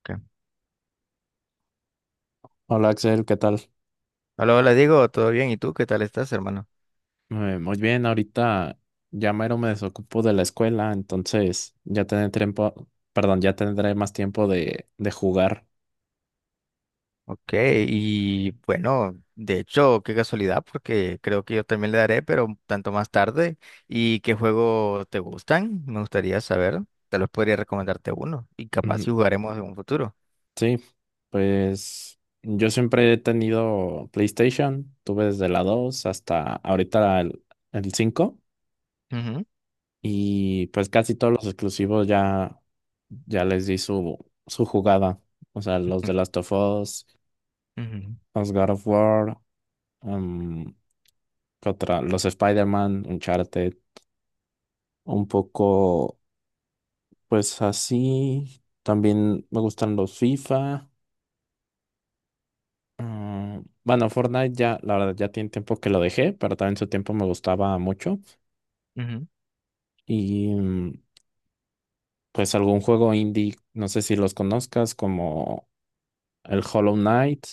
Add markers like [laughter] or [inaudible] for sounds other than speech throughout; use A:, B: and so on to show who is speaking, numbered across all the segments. A: Ok.
B: Hola Axel, ¿qué tal?
A: Hola, hola Diego, ¿todo bien? ¿Y tú qué tal estás, hermano?
B: Muy bien, ahorita ya mero me desocupo de la escuela, entonces ya tendré tiempo, perdón, ya tendré más tiempo de jugar.
A: Ok, y bueno, de hecho, qué casualidad, porque creo que yo también le daré, pero un tanto más tarde. ¿Y qué juego te gustan? Me gustaría saber. Te los podría recomendarte uno y capaz si
B: Ujú.
A: jugaremos en un futuro.
B: Sí, pues yo siempre he tenido PlayStation, tuve desde la 2 hasta ahorita el 5
A: Ujú,
B: y pues casi todos los exclusivos ya, ya les di su jugada, o sea, los
A: ujú,
B: de Last of Us,
A: ujú,
B: los God of War. em, ¿Qué otra? Los Spider-Man, Uncharted, un poco, pues así. También me gustan los FIFA. mm, bueno, Fortnite ya, la verdad, ya tiene tiempo que lo dejé, pero también en su tiempo me gustaba mucho.
A: ujú.
B: Y pues algún juego indie, no sé si los conozcas, como el Hollow Knight.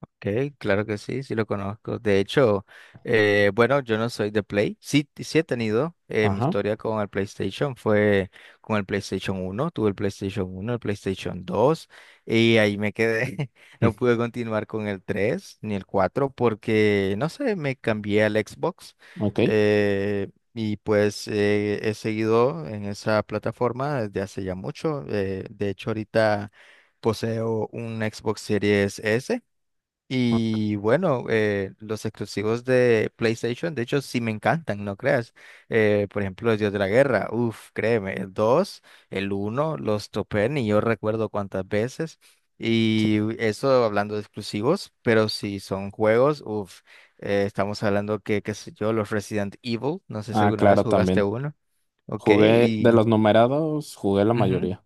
A: Ok, claro que sí, sí lo conozco. De hecho, bueno, yo no soy de Play. Sí, sí he tenido mi
B: Ajá.
A: historia con el PlayStation. Fue con el PlayStation uno, tuve el PlayStation uno, el PlayStation dos y ahí me quedé. [laughs] No
B: mm,
A: pude continuar con el 3 ni el 4 porque, no sé, me cambié al Xbox
B: Ok.
A: eh, y pues he seguido en esa plataforma desde hace ya mucho. De hecho, ahorita poseo un Xbox Series S
B: Ah,
A: y bueno, los exclusivos de PlayStation, de hecho, sí me encantan, no creas. Por ejemplo, el Dios de la Guerra, uff, créeme, el 2, el uno los topé, y yo recuerdo cuántas veces.
B: sí.
A: Y eso hablando de exclusivos, pero si son juegos, uff, estamos hablando que, qué sé yo, los Resident Evil, no sé si
B: Ah,
A: alguna vez
B: claro,
A: jugaste
B: también.
A: uno, ok,
B: Jugué de los
A: y...
B: numerados, jugué la
A: ujú.
B: mayoría.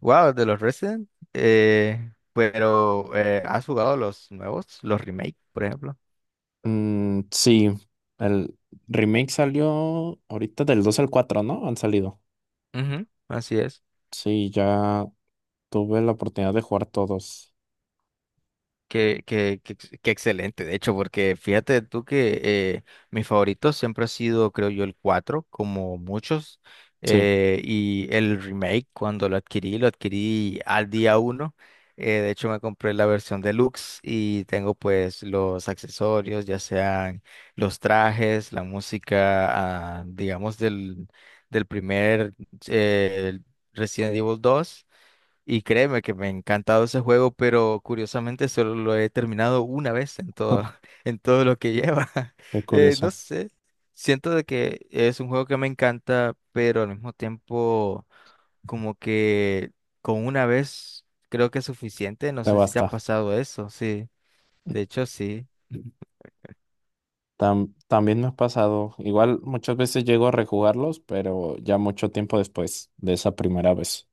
A: Wow, de los Resident, pero ¿has jugado los nuevos, los remake, por ejemplo?
B: Mm, sí, el remake salió ahorita del 2 al cuatro, ¿no? Han salido.
A: Ujú, así es.
B: Sí, ya tuve la oportunidad de jugar todos.
A: Qué excelente, de hecho, porque fíjate tú que mi favorito siempre ha sido, creo yo, el 4 como muchos.
B: Sí,
A: Y el remake, cuando lo adquirí al día 1. De hecho, me compré la versión deluxe y tengo pues los accesorios, ya sean los trajes, la música, ah, digamos, del primer eh, Resident Evil dos. Y créeme que me ha encantado ese juego, pero curiosamente solo lo he terminado una vez en todo,
B: [laughs]
A: [laughs] en todo lo que lleva. [laughs]
B: qué
A: No
B: curioso.
A: sé, siento de que es un juego que me encanta, pero al mismo tiempo como que con una vez creo que es suficiente. No
B: Te
A: sé si te ha
B: basta.
A: pasado eso, sí. De hecho, sí.
B: También me ha pasado. Igual muchas veces llego a rejugarlos, pero ya mucho tiempo después de esa primera vez.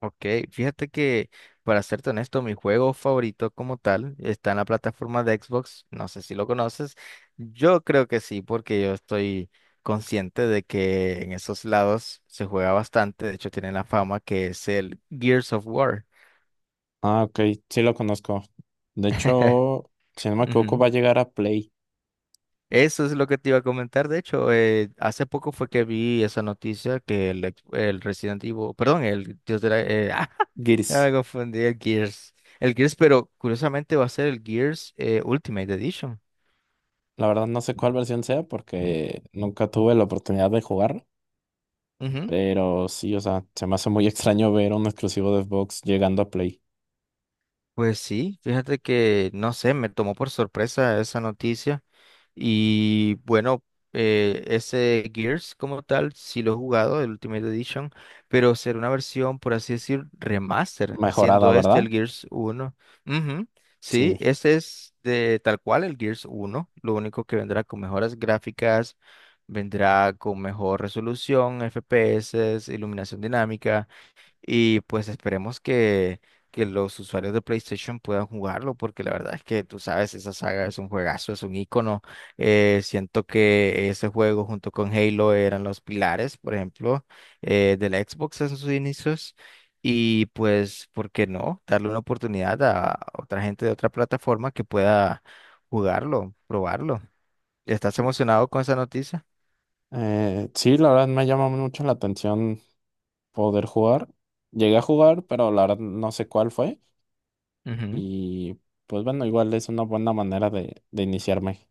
A: Ok, fíjate que para serte honesto, mi juego favorito como tal está en la plataforma de Xbox. No sé si lo conoces. Yo creo que sí, porque yo estoy consciente de que en esos lados se juega bastante. De hecho, tiene la fama que es el Gears of War.
B: Ah, ok, sí lo conozco. De
A: [laughs]
B: hecho, si no me equivoco,
A: Ujú.
B: va a llegar a Play
A: Eso es lo que te iba a comentar. De hecho, hace poco fue que vi esa noticia que el, ex- el Resident Evil, perdón, el Dios de la, [laughs] ah, ya
B: Gears.
A: me confundí, el Gears. El Gears, pero curiosamente va a ser el Gears Ultimate Edition.
B: La verdad no sé cuál versión sea porque nunca tuve la oportunidad de jugar, pero sí, o sea, se me hace muy [laughs] extraño ver un exclusivo de Xbox llegando a Play.
A: Pues sí, fíjate que, no sé, me tomó por sorpresa esa noticia. Y bueno, ese Gears como tal, sí lo he jugado, el Ultimate Edition, pero será una versión, por así decir, remaster,
B: Mejorada,
A: siendo este
B: ¿verdad?
A: el Gears uno. Ujú. Sí,
B: Sí.
A: este es de tal cual el Gears uno, lo único que vendrá con mejoras gráficas, vendrá con mejor resolución, FPS, iluminación dinámica. Y pues esperemos que, los usuarios de PlayStation puedan jugarlo, porque la verdad es que tú sabes, esa saga es un juegazo, es un ícono. Siento que ese juego junto con Halo eran los pilares, por ejemplo, de la Xbox en sus inicios. Y pues, ¿por qué no? Darle una oportunidad a otra gente de otra plataforma que pueda jugarlo, probarlo. ¿Estás emocionado con esa noticia?
B: Sí, la verdad me llama mucho la atención poder jugar. Llegué a jugar, pero la verdad no sé cuál fue.
A: Ujú.
B: Y pues bueno, igual es una buena manera de iniciarme.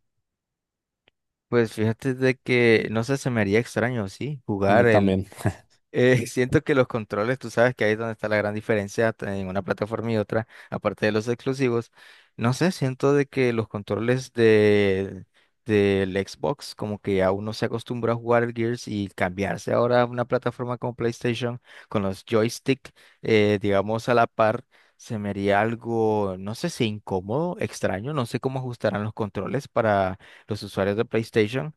A: Pues fíjate de que, no sé, se me haría extraño, sí,
B: A mí
A: jugar el
B: también. [laughs]
A: [laughs] Siento que los controles, tú sabes que ahí es donde está la gran diferencia en una plataforma y otra, aparte de los exclusivos. No sé, siento de que los controles del Xbox, como que a uno se acostumbra a jugar el Gears y cambiarse ahora a una plataforma como PlayStation con los joystick, digamos, a la par, se me haría algo, no sé si incómodo, extraño, no sé cómo ajustarán los controles para los usuarios de PlayStation.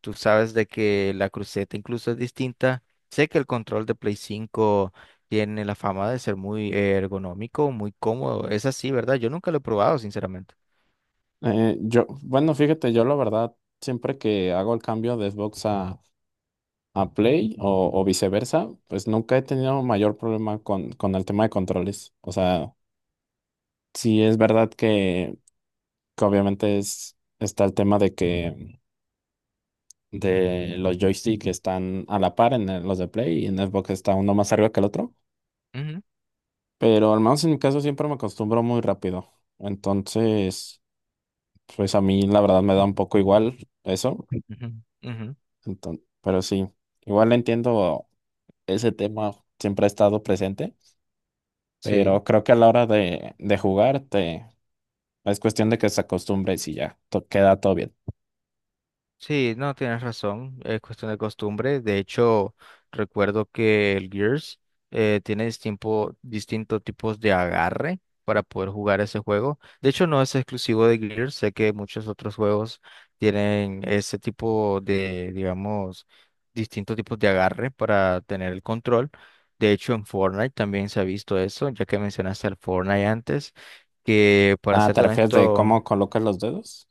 A: Tú sabes de que la cruceta incluso es distinta. Sé que el control de Play 5 tiene la fama de ser muy ergonómico, muy cómodo. Es así, ¿verdad? Yo nunca lo he probado, sinceramente.
B: Yo, bueno, fíjate, yo la verdad, siempre que hago el cambio de a Play o viceversa, pues nunca he tenido mayor problema con el tema de controles. O sea, sí, es verdad que obviamente es, está el tema de que de los joysticks están a la par en los de Play y en Xbox está uno más arriba que el otro,
A: Ujú,
B: pero al menos en mi caso siempre me acostumbro muy rápido. Entonces, pues a mí la verdad me da un poco igual eso.
A: ujú, ujú.
B: Entonces, pero sí, igual entiendo ese tema, siempre ha estado presente,
A: Sí.
B: pero creo que a la hora de jugar te, es cuestión de que se acostumbres y sí, ya, queda todo bien.
A: Sí, no, tienes razón, es cuestión de costumbre. De hecho, recuerdo que el Gears tiene distintos tipos de agarre para poder jugar ese juego. De hecho, no es exclusivo de Gears, sé que muchos otros juegos tienen ese tipo de, digamos, distintos tipos de agarre para tener el control. De hecho, en Fortnite también se ha visto eso, ya que mencionaste al Fortnite antes, que para
B: Ah,
A: ser
B: ¿te refieres de
A: honesto...
B: cómo colocas los dedos?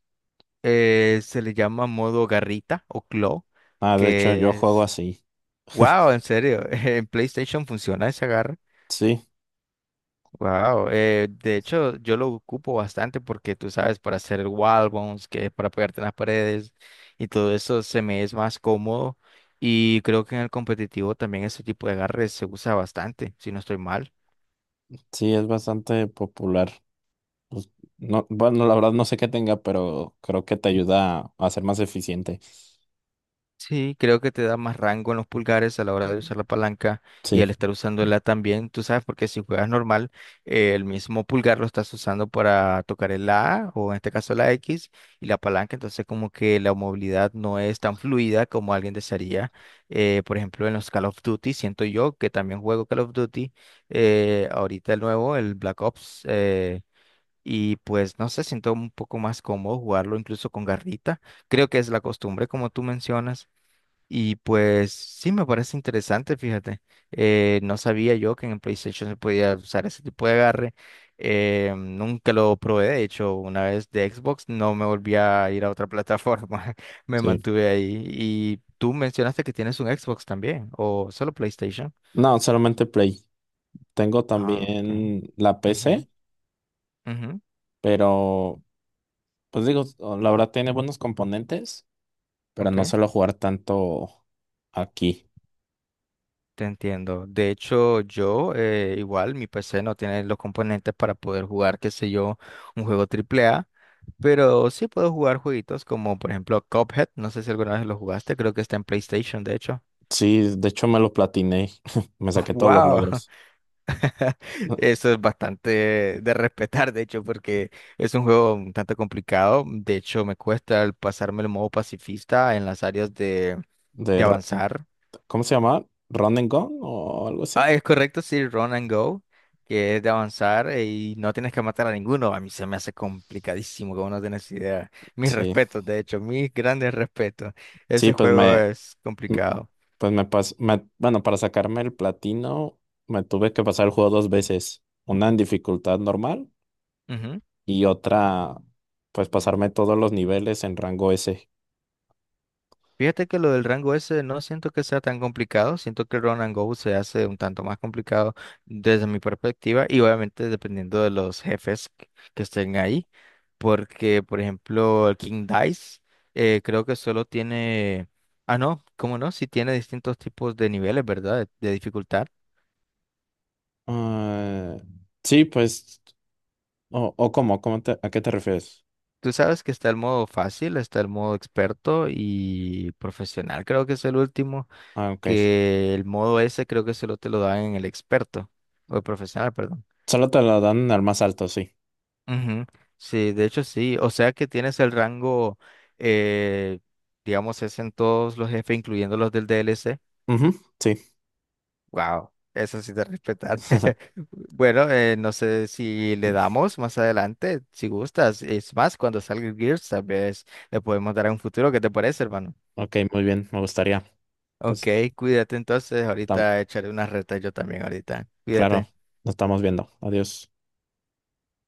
A: Se le llama modo garrita o claw,
B: Ah, de hecho, yo
A: que
B: juego
A: es...
B: así. [laughs]
A: ¡Wow! En serio, [laughs] en PlayStation funciona ese agarre.
B: Sí,
A: ¡Wow! De hecho, yo lo ocupo bastante porque tú sabes, para hacer el wall bounce, que es para pegarte en las paredes y todo eso, se me es más cómodo. Y creo que en el competitivo también ese tipo de agarres se usa bastante, si no estoy mal.
B: sí, es bastante popular. No, bueno, la verdad no sé qué tenga, pero creo que te ayuda a ser más eficiente.
A: Sí, creo que te da más rango en los pulgares a la hora de usar la palanca y
B: Sí,
A: al estar usándola también, tú sabes, porque si juegas normal, el mismo pulgar lo estás usando para tocar el A o en este caso la X y la palanca, entonces como que la movilidad no es tan fluida como alguien desearía. Por ejemplo, en los Call of Duty, siento yo que también juego Call of Duty, ahorita el nuevo, el Black Ops, y pues no sé, siento un poco más cómodo jugarlo incluso con garrita. Creo que es la costumbre, como tú mencionas. Y pues sí, me parece interesante, fíjate. No sabía yo que en el PlayStation se podía usar ese tipo de agarre. Nunca lo probé, de hecho, una vez de Xbox no me volví a ir a otra plataforma. [laughs] Me
B: sí.
A: mantuve ahí. Y tú mencionaste que tienes un Xbox también, o solo PlayStation.
B: No, solamente Play. Tengo
A: Ah, ok.
B: también la
A: Ujú,
B: PC,
A: ujú,
B: pero pues digo, la verdad tiene buenos componentes, pero
A: ok,
B: no suelo jugar tanto aquí.
A: te entiendo. De hecho, yo igual, mi PC no tiene los componentes para poder jugar, qué sé yo, un juego triple A. Pero sí puedo jugar jueguitos como por ejemplo Cuphead, no sé si alguna vez lo jugaste, creo que está en PlayStation de hecho.
B: Sí, de hecho me lo platiné. [laughs] Me saqué todos los
A: ¡Wow!
B: logros.
A: [laughs]
B: [laughs]
A: Eso es bastante de respetar de hecho porque es un juego un tanto complicado, de hecho me cuesta el pasarme el modo pacifista en las áreas
B: De,
A: de
B: R-
A: avanzar.
B: ¿Cómo se llama? ¿Run and Gun o algo
A: Ah,
B: así?
A: es correcto, sí, Run and Go, que es de avanzar y no tienes que matar a ninguno, a mí se me hace complicadísimo, como no tienes idea. Mis
B: Sí.
A: respetos, de hecho, mis grandes respetos.
B: Sí,
A: Ese juego es complicado.
B: pues bueno, para sacarme el platino me tuve que pasar el juego dos veces, una en dificultad normal
A: Ujú.
B: y otra, pues pasarme todos los niveles en rango S.
A: Fíjate que lo del rango ese no siento que sea tan complicado, siento que el run and go se hace un tanto más complicado desde mi perspectiva y obviamente dependiendo de los jefes que estén ahí, porque por ejemplo el King Dice creo que solo tiene, ah no, cómo no, si tiene distintos tipos de niveles, ¿verdad? De dificultad.
B: Ah, sí, pues, o cómo, ¿a qué te refieres?
A: Tú sabes que está el modo fácil, está el modo experto y profesional, creo que es el último.
B: Ah, ok.
A: Que el modo ese creo que solo te lo dan en el experto, o el profesional, perdón.
B: Solo te lo dan al más alto, sí.
A: Ujú. Sí, de hecho sí, o sea que tienes el rango, eh, digamos, es en todos los jefes, incluyendo los del DLC.
B: Ujú, sí.
A: Wow, eso sí te respetar
B: [laughs]
A: [laughs] Bueno, no sé si le damos más adelante, si gustas. Es más, cuando salga el Gears, tal vez le podemos dar a un futuro. ¿Qué te parece, hermano?
B: Ok, muy bien, me gustaría.
A: Ok,
B: Pues,
A: cuídate entonces,
B: tam-
A: ahorita echaré unas retas yo también ahorita.
B: claro,
A: Cuídate.
B: nos estamos viendo. Adiós.